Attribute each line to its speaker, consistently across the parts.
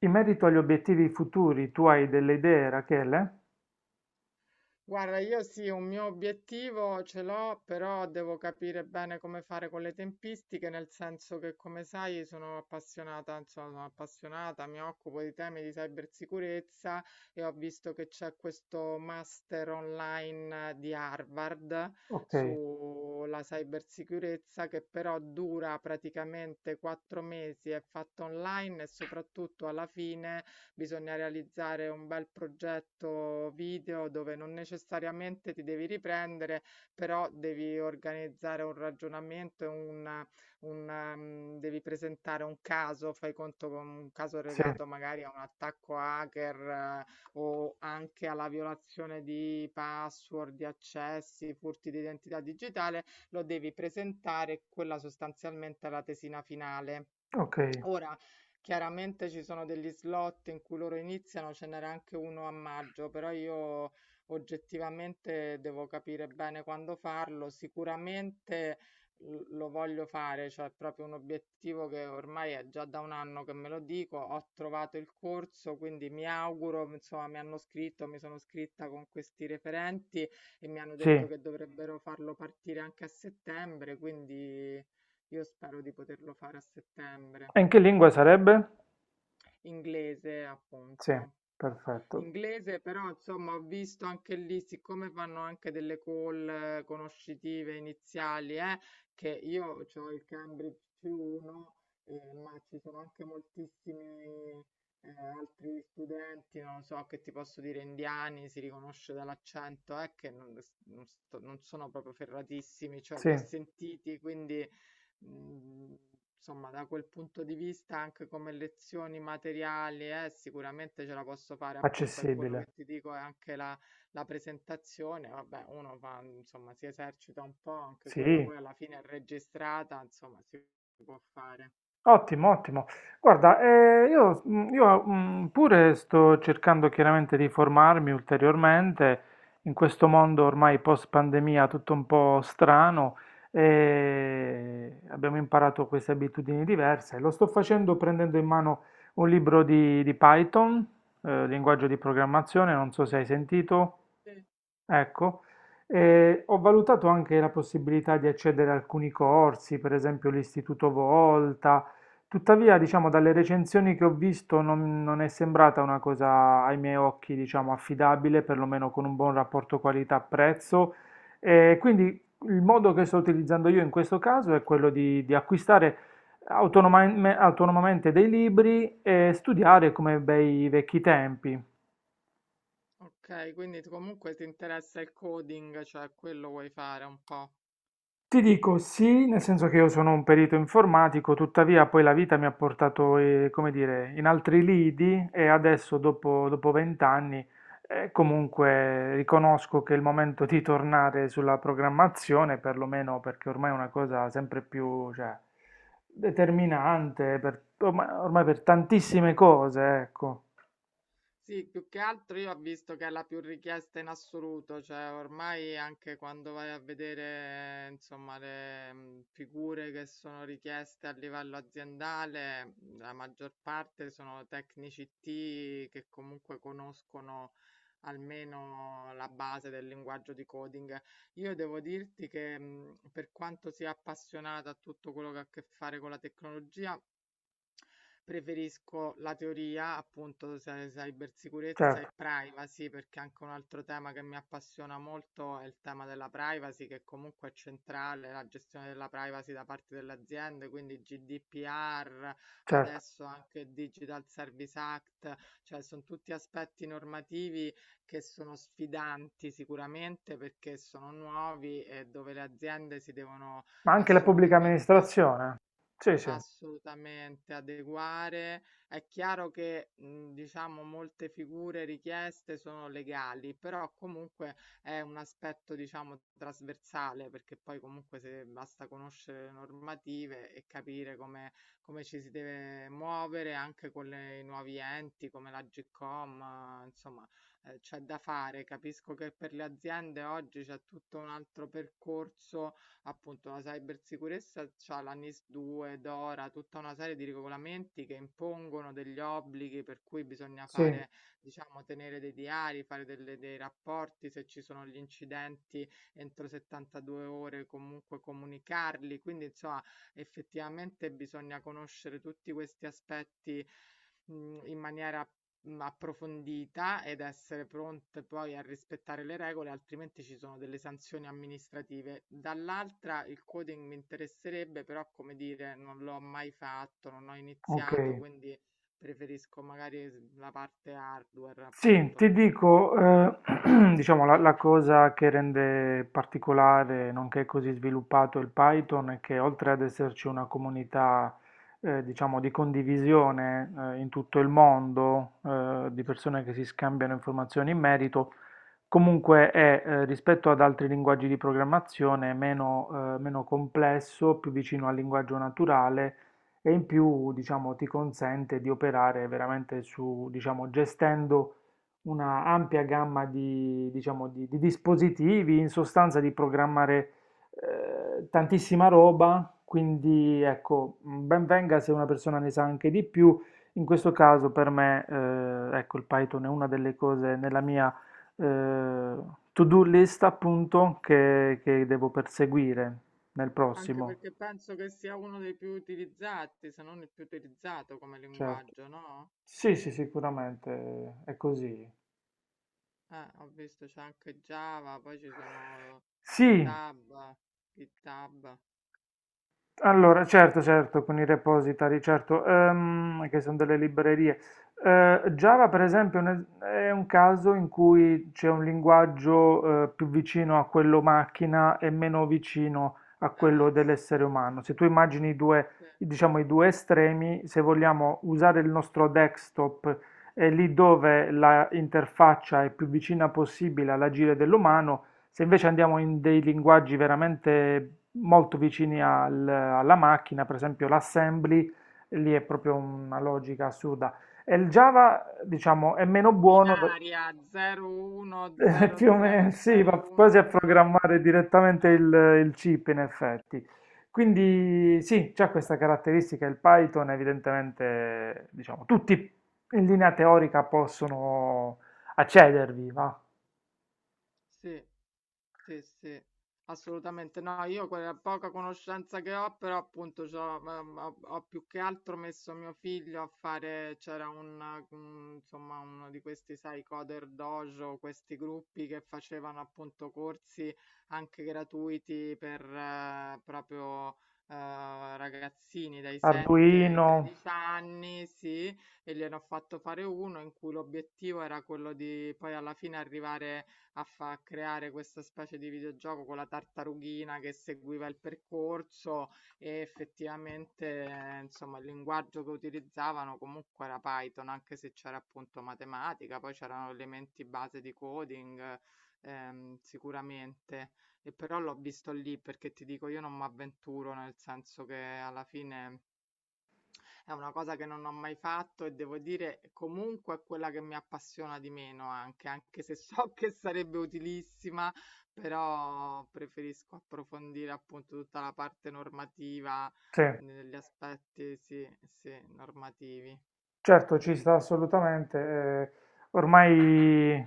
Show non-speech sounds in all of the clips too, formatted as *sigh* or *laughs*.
Speaker 1: In merito agli obiettivi futuri, tu hai delle idee, Rachele?
Speaker 2: Guarda, io sì, un mio obiettivo ce l'ho, però devo capire bene come fare con le tempistiche, nel senso che, come sai, sono appassionata, insomma, sono appassionata, mi occupo di temi di cybersicurezza e ho visto che c'è questo master online di Harvard
Speaker 1: Ok,
Speaker 2: sulla cybersicurezza che però dura praticamente 4 mesi, è fatto online e soprattutto alla fine bisogna realizzare un bel progetto video dove non necessariamente ti devi riprendere, però devi organizzare un ragionamento e devi presentare un caso, fai conto con un caso
Speaker 1: sì,
Speaker 2: legato magari a un attacco hacker, eh, o anche alla violazione di password, di accessi, furti di identità digitale, lo devi presentare, quella sostanzialmente è la tesina finale.
Speaker 1: ok,
Speaker 2: Ora, chiaramente ci sono degli slot in cui loro iniziano, ce n'era anche uno a maggio, però io oggettivamente devo capire bene quando farlo. Sicuramente lo voglio fare, cioè è proprio un obiettivo che ormai è già da un anno che me lo dico. Ho trovato il corso, quindi mi auguro, insomma, mi hanno scritto, mi sono scritta con questi referenti e mi hanno
Speaker 1: sì.
Speaker 2: detto
Speaker 1: E
Speaker 2: che dovrebbero farlo partire anche a settembre, quindi io spero di poterlo fare a settembre.
Speaker 1: in che lingua sarebbe?
Speaker 2: Inglese,
Speaker 1: Sì,
Speaker 2: appunto.
Speaker 1: perfetto.
Speaker 2: Inglese, però, insomma, ho visto anche lì, siccome fanno anche delle call conoscitive iniziali, che io ho il Cambridge C1, ma ci sono anche moltissimi eh, altri studenti, non lo so, che ti posso dire indiani, si riconosce dall'accento, che non sono proprio ferratissimi, cioè
Speaker 1: Sì,
Speaker 2: li ho sentiti, quindi Mhmm, insomma da quel punto di vista anche come lezioni materiali, sicuramente ce la posso fare appunto, e quello
Speaker 1: accessibile.
Speaker 2: che ti dico è anche la presentazione, vabbè uno fa insomma si esercita un po', anche quella
Speaker 1: Sì,
Speaker 2: poi alla fine è registrata, insomma si può fare.
Speaker 1: ottimo, ottimo. Guarda, io, pure sto cercando chiaramente di formarmi ulteriormente in questo mondo ormai post-pandemia tutto un po' strano e abbiamo imparato queste abitudini diverse. Lo sto facendo prendendo in mano un libro di Python, linguaggio di programmazione, non so
Speaker 2: Sì,
Speaker 1: se hai sentito.
Speaker 2: sì.
Speaker 1: Ecco, ho valutato anche la possibilità di accedere a alcuni corsi, per esempio l'Istituto Volta, tuttavia, diciamo, dalle recensioni che ho visto non è sembrata una cosa ai miei occhi, diciamo, affidabile, perlomeno con un buon rapporto qualità-prezzo. E quindi il modo che sto utilizzando io in questo caso è quello di acquistare autonomamente dei libri e studiare come bei vecchi tempi.
Speaker 2: Okay, quindi tu comunque ti interessa il coding, cioè quello vuoi fare un po'.
Speaker 1: Ti dico sì, nel senso che io sono un perito informatico, tuttavia poi la vita mi ha portato, come dire, in altri lidi e adesso dopo vent'anni comunque riconosco che è il momento di tornare sulla programmazione, perlomeno perché ormai è una cosa sempre più, cioè, determinante per, ormai per tantissime cose, ecco,
Speaker 2: Sì, più che altro io ho visto che è la più richiesta in assoluto, cioè ormai anche quando vai a vedere, insomma, le figure che sono richieste a livello aziendale, la maggior parte sono tecnici IT che comunque conoscono almeno la base del linguaggio di coding. Io devo dirti che per quanto sia appassionata a tutto quello che ha a che fare con la tecnologia, preferisco la teoria, appunto, cybersicurezza
Speaker 1: certo,
Speaker 2: e privacy, perché anche un altro tema che mi appassiona molto è il tema della privacy, che comunque è centrale, la gestione della privacy da parte delle aziende, quindi GDPR,
Speaker 1: certo,
Speaker 2: adesso anche Digital Service Act, cioè sono tutti aspetti normativi che sono sfidanti sicuramente perché sono nuovi e dove le aziende si devono
Speaker 1: ma anche la pubblica
Speaker 2: assolutamente...
Speaker 1: amministrazione. Sì, sì,
Speaker 2: Assolutamente adeguare. È chiaro che, diciamo molte figure richieste sono legali, però comunque è un aspetto, diciamo, trasversale, perché poi comunque se basta conoscere le normative e capire come ci si deve muovere anche con le i nuovi enti come l'Agcom, insomma, c'è da fare. Capisco che per le aziende oggi c'è tutto un altro percorso appunto la cybersicurezza c'ha la NIS 2, DORA, tutta una serie di regolamenti che impongono degli obblighi per cui bisogna
Speaker 1: sì,
Speaker 2: fare, diciamo, tenere dei diari, fare dei rapporti, se ci sono gli incidenti entro 72 ore comunque comunicarli, quindi insomma effettivamente bisogna conoscere tutti questi aspetti in maniera approfondita ed essere pronte poi a rispettare le regole, altrimenti ci sono delle sanzioni amministrative. Dall'altra il coding mi interesserebbe, però come dire, non l'ho mai fatto, non ho
Speaker 1: ok.
Speaker 2: iniziato, quindi preferisco magari la parte hardware,
Speaker 1: Sì,
Speaker 2: appunto.
Speaker 1: ti
Speaker 2: Mh.
Speaker 1: dico, *clears throat* diciamo, la cosa che rende particolare, nonché così sviluppato il Python, è che oltre ad esserci una comunità, diciamo, di condivisione, in tutto il mondo, di persone che si scambiano informazioni in merito. Comunque è, rispetto ad altri linguaggi di programmazione, meno complesso, più vicino al linguaggio naturale e in più, diciamo, ti consente di operare veramente su, diciamo, gestendo una ampia gamma di, diciamo, di dispositivi, in sostanza di programmare tantissima roba, quindi ecco, ben venga se una persona ne sa anche di più. In questo caso per me, ecco, il Python è una delle cose nella mia eh, to-do list appunto che, devo perseguire nel
Speaker 2: Anche
Speaker 1: prossimo.
Speaker 2: perché penso che sia uno dei più utilizzati, se non il più utilizzato come
Speaker 1: Certo.
Speaker 2: linguaggio, no?
Speaker 1: Sì, sì, sicuramente è così.
Speaker 2: Ho visto c'è anche Java, poi ci sono
Speaker 1: Sì,
Speaker 2: GitHub, GitHub.
Speaker 1: allora, certo, certo, con i repository, certo, che sono delle librerie. Java, per esempio, è è un caso in cui c'è un linguaggio, più vicino a quello macchina e meno vicino a quello
Speaker 2: Sì.
Speaker 1: dell'essere umano. Se tu immagini
Speaker 2: Sì.
Speaker 1: diciamo, i due estremi, se vogliamo usare il nostro desktop, è lì dove la interfaccia è più vicina possibile all'agire dell'umano. Se invece andiamo in dei linguaggi veramente molto vicini alla macchina, per esempio l'assembly, lì è proprio una logica assurda. E il Java, diciamo, è meno buono,
Speaker 2: Binaria
Speaker 1: *laughs* più o meno, sì, va quasi a
Speaker 2: 01000111.
Speaker 1: programmare direttamente
Speaker 2: Eh,
Speaker 1: il chip in effetti. Quindi sì, c'è questa caratteristica, il Python evidentemente, diciamo, tutti in linea teorica possono accedervi, va?
Speaker 2: sì. Sì, sì, assolutamente. No, io quella poca conoscenza che ho, però appunto c'ho, ho, ho più che altro messo mio figlio a fare, c'era insomma, uno di questi, sai, Coder Dojo, questi gruppi che facevano appunto corsi anche gratuiti per proprio ragazzini dai 7 ai
Speaker 1: Arduino,
Speaker 2: 13 anni, sì, e gliene ho fatto fare uno in cui l'obiettivo era quello di poi alla fine arrivare a creare questa specie di videogioco con la tartarughina che seguiva il percorso e effettivamente, insomma, il linguaggio che utilizzavano comunque era Python, anche se c'era appunto matematica, poi c'erano elementi base di coding, sicuramente. E però l'ho visto lì perché ti dico, io non mi avventuro, nel senso che alla fine è una cosa che non ho mai fatto e devo dire comunque è quella che mi appassiona di meno anche, anche se so che sarebbe utilissima, però preferisco approfondire appunto tutta la parte normativa,
Speaker 1: sì.
Speaker 2: negli aspetti, sì, sì, normativi.
Speaker 1: Certo, ci sta assolutamente. Ormai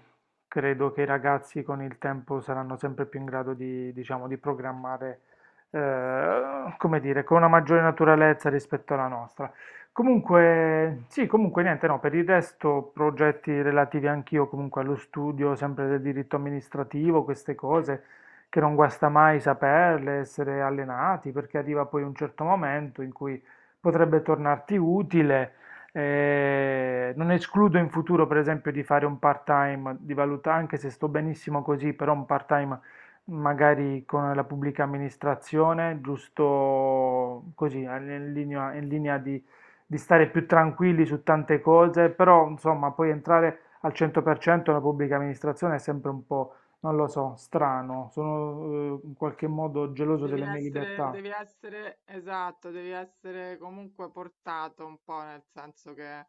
Speaker 1: credo che i ragazzi con il tempo saranno sempre più in grado di, diciamo, di programmare, come dire, con una maggiore naturalezza rispetto alla nostra. Comunque, sì, comunque niente, no, per il resto progetti relativi anch'io comunque allo studio, sempre del diritto amministrativo, queste cose che non guasta mai saperle, essere allenati, perché arriva poi un certo momento in cui potrebbe tornarti utile. Non escludo in futuro, per esempio, di fare un part-time, di valutare, anche se sto benissimo così, però un part-time magari con la pubblica amministrazione, giusto così, in linea di, stare più tranquilli su tante cose, però insomma, poi entrare al 100% nella pubblica amministrazione è sempre un po', non lo so, strano, sono in qualche modo geloso
Speaker 2: Devi
Speaker 1: delle mie
Speaker 2: essere,
Speaker 1: libertà,
Speaker 2: devi essere, esatto, devi essere comunque portato un po', nel senso che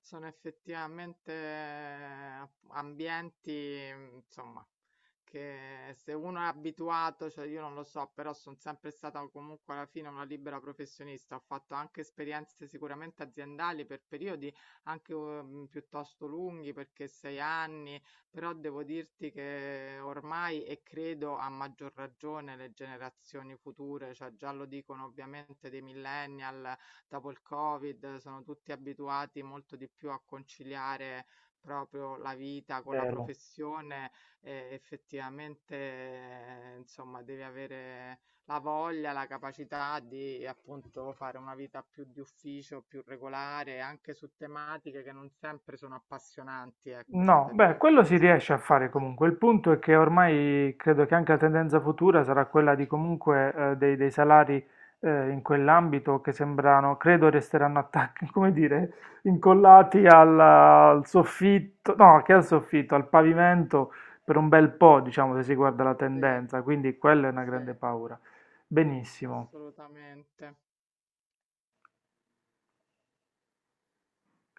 Speaker 2: sono effettivamente ambienti, insomma, che se uno è abituato, cioè io non lo so, però sono sempre stata comunque alla fine una libera professionista, ho fatto anche esperienze sicuramente aziendali per periodi anche piuttosto lunghi, perché 6 anni però devo dirti che ormai, e credo a maggior ragione le generazioni future, cioè già lo dicono ovviamente dei millennial, dopo il Covid, sono tutti abituati molto di più a conciliare proprio la vita con la
Speaker 1: vero?
Speaker 2: professione e effettivamente, insomma, devi avere la voglia, la capacità di appunto fare una vita più di ufficio, più regolare, anche su tematiche che non sempre sono appassionanti, ecco, c'è
Speaker 1: No,
Speaker 2: da dire
Speaker 1: beh,
Speaker 2: anche
Speaker 1: quello si
Speaker 2: questo,
Speaker 1: riesce a
Speaker 2: perché
Speaker 1: fare comunque. Il punto è che ormai credo che anche la tendenza futura sarà quella di comunque dei salari in quell'ambito che sembrano, credo resteranno attacchi, *laughs* come dire, incollati
Speaker 2: sì,
Speaker 1: al soffitto, no, che al soffitto, al pavimento per un bel po', diciamo, se si guarda la
Speaker 2: sì,
Speaker 1: tendenza. Quindi quella è una
Speaker 2: sì,
Speaker 1: grande paura. Benissimo.
Speaker 2: assolutamente.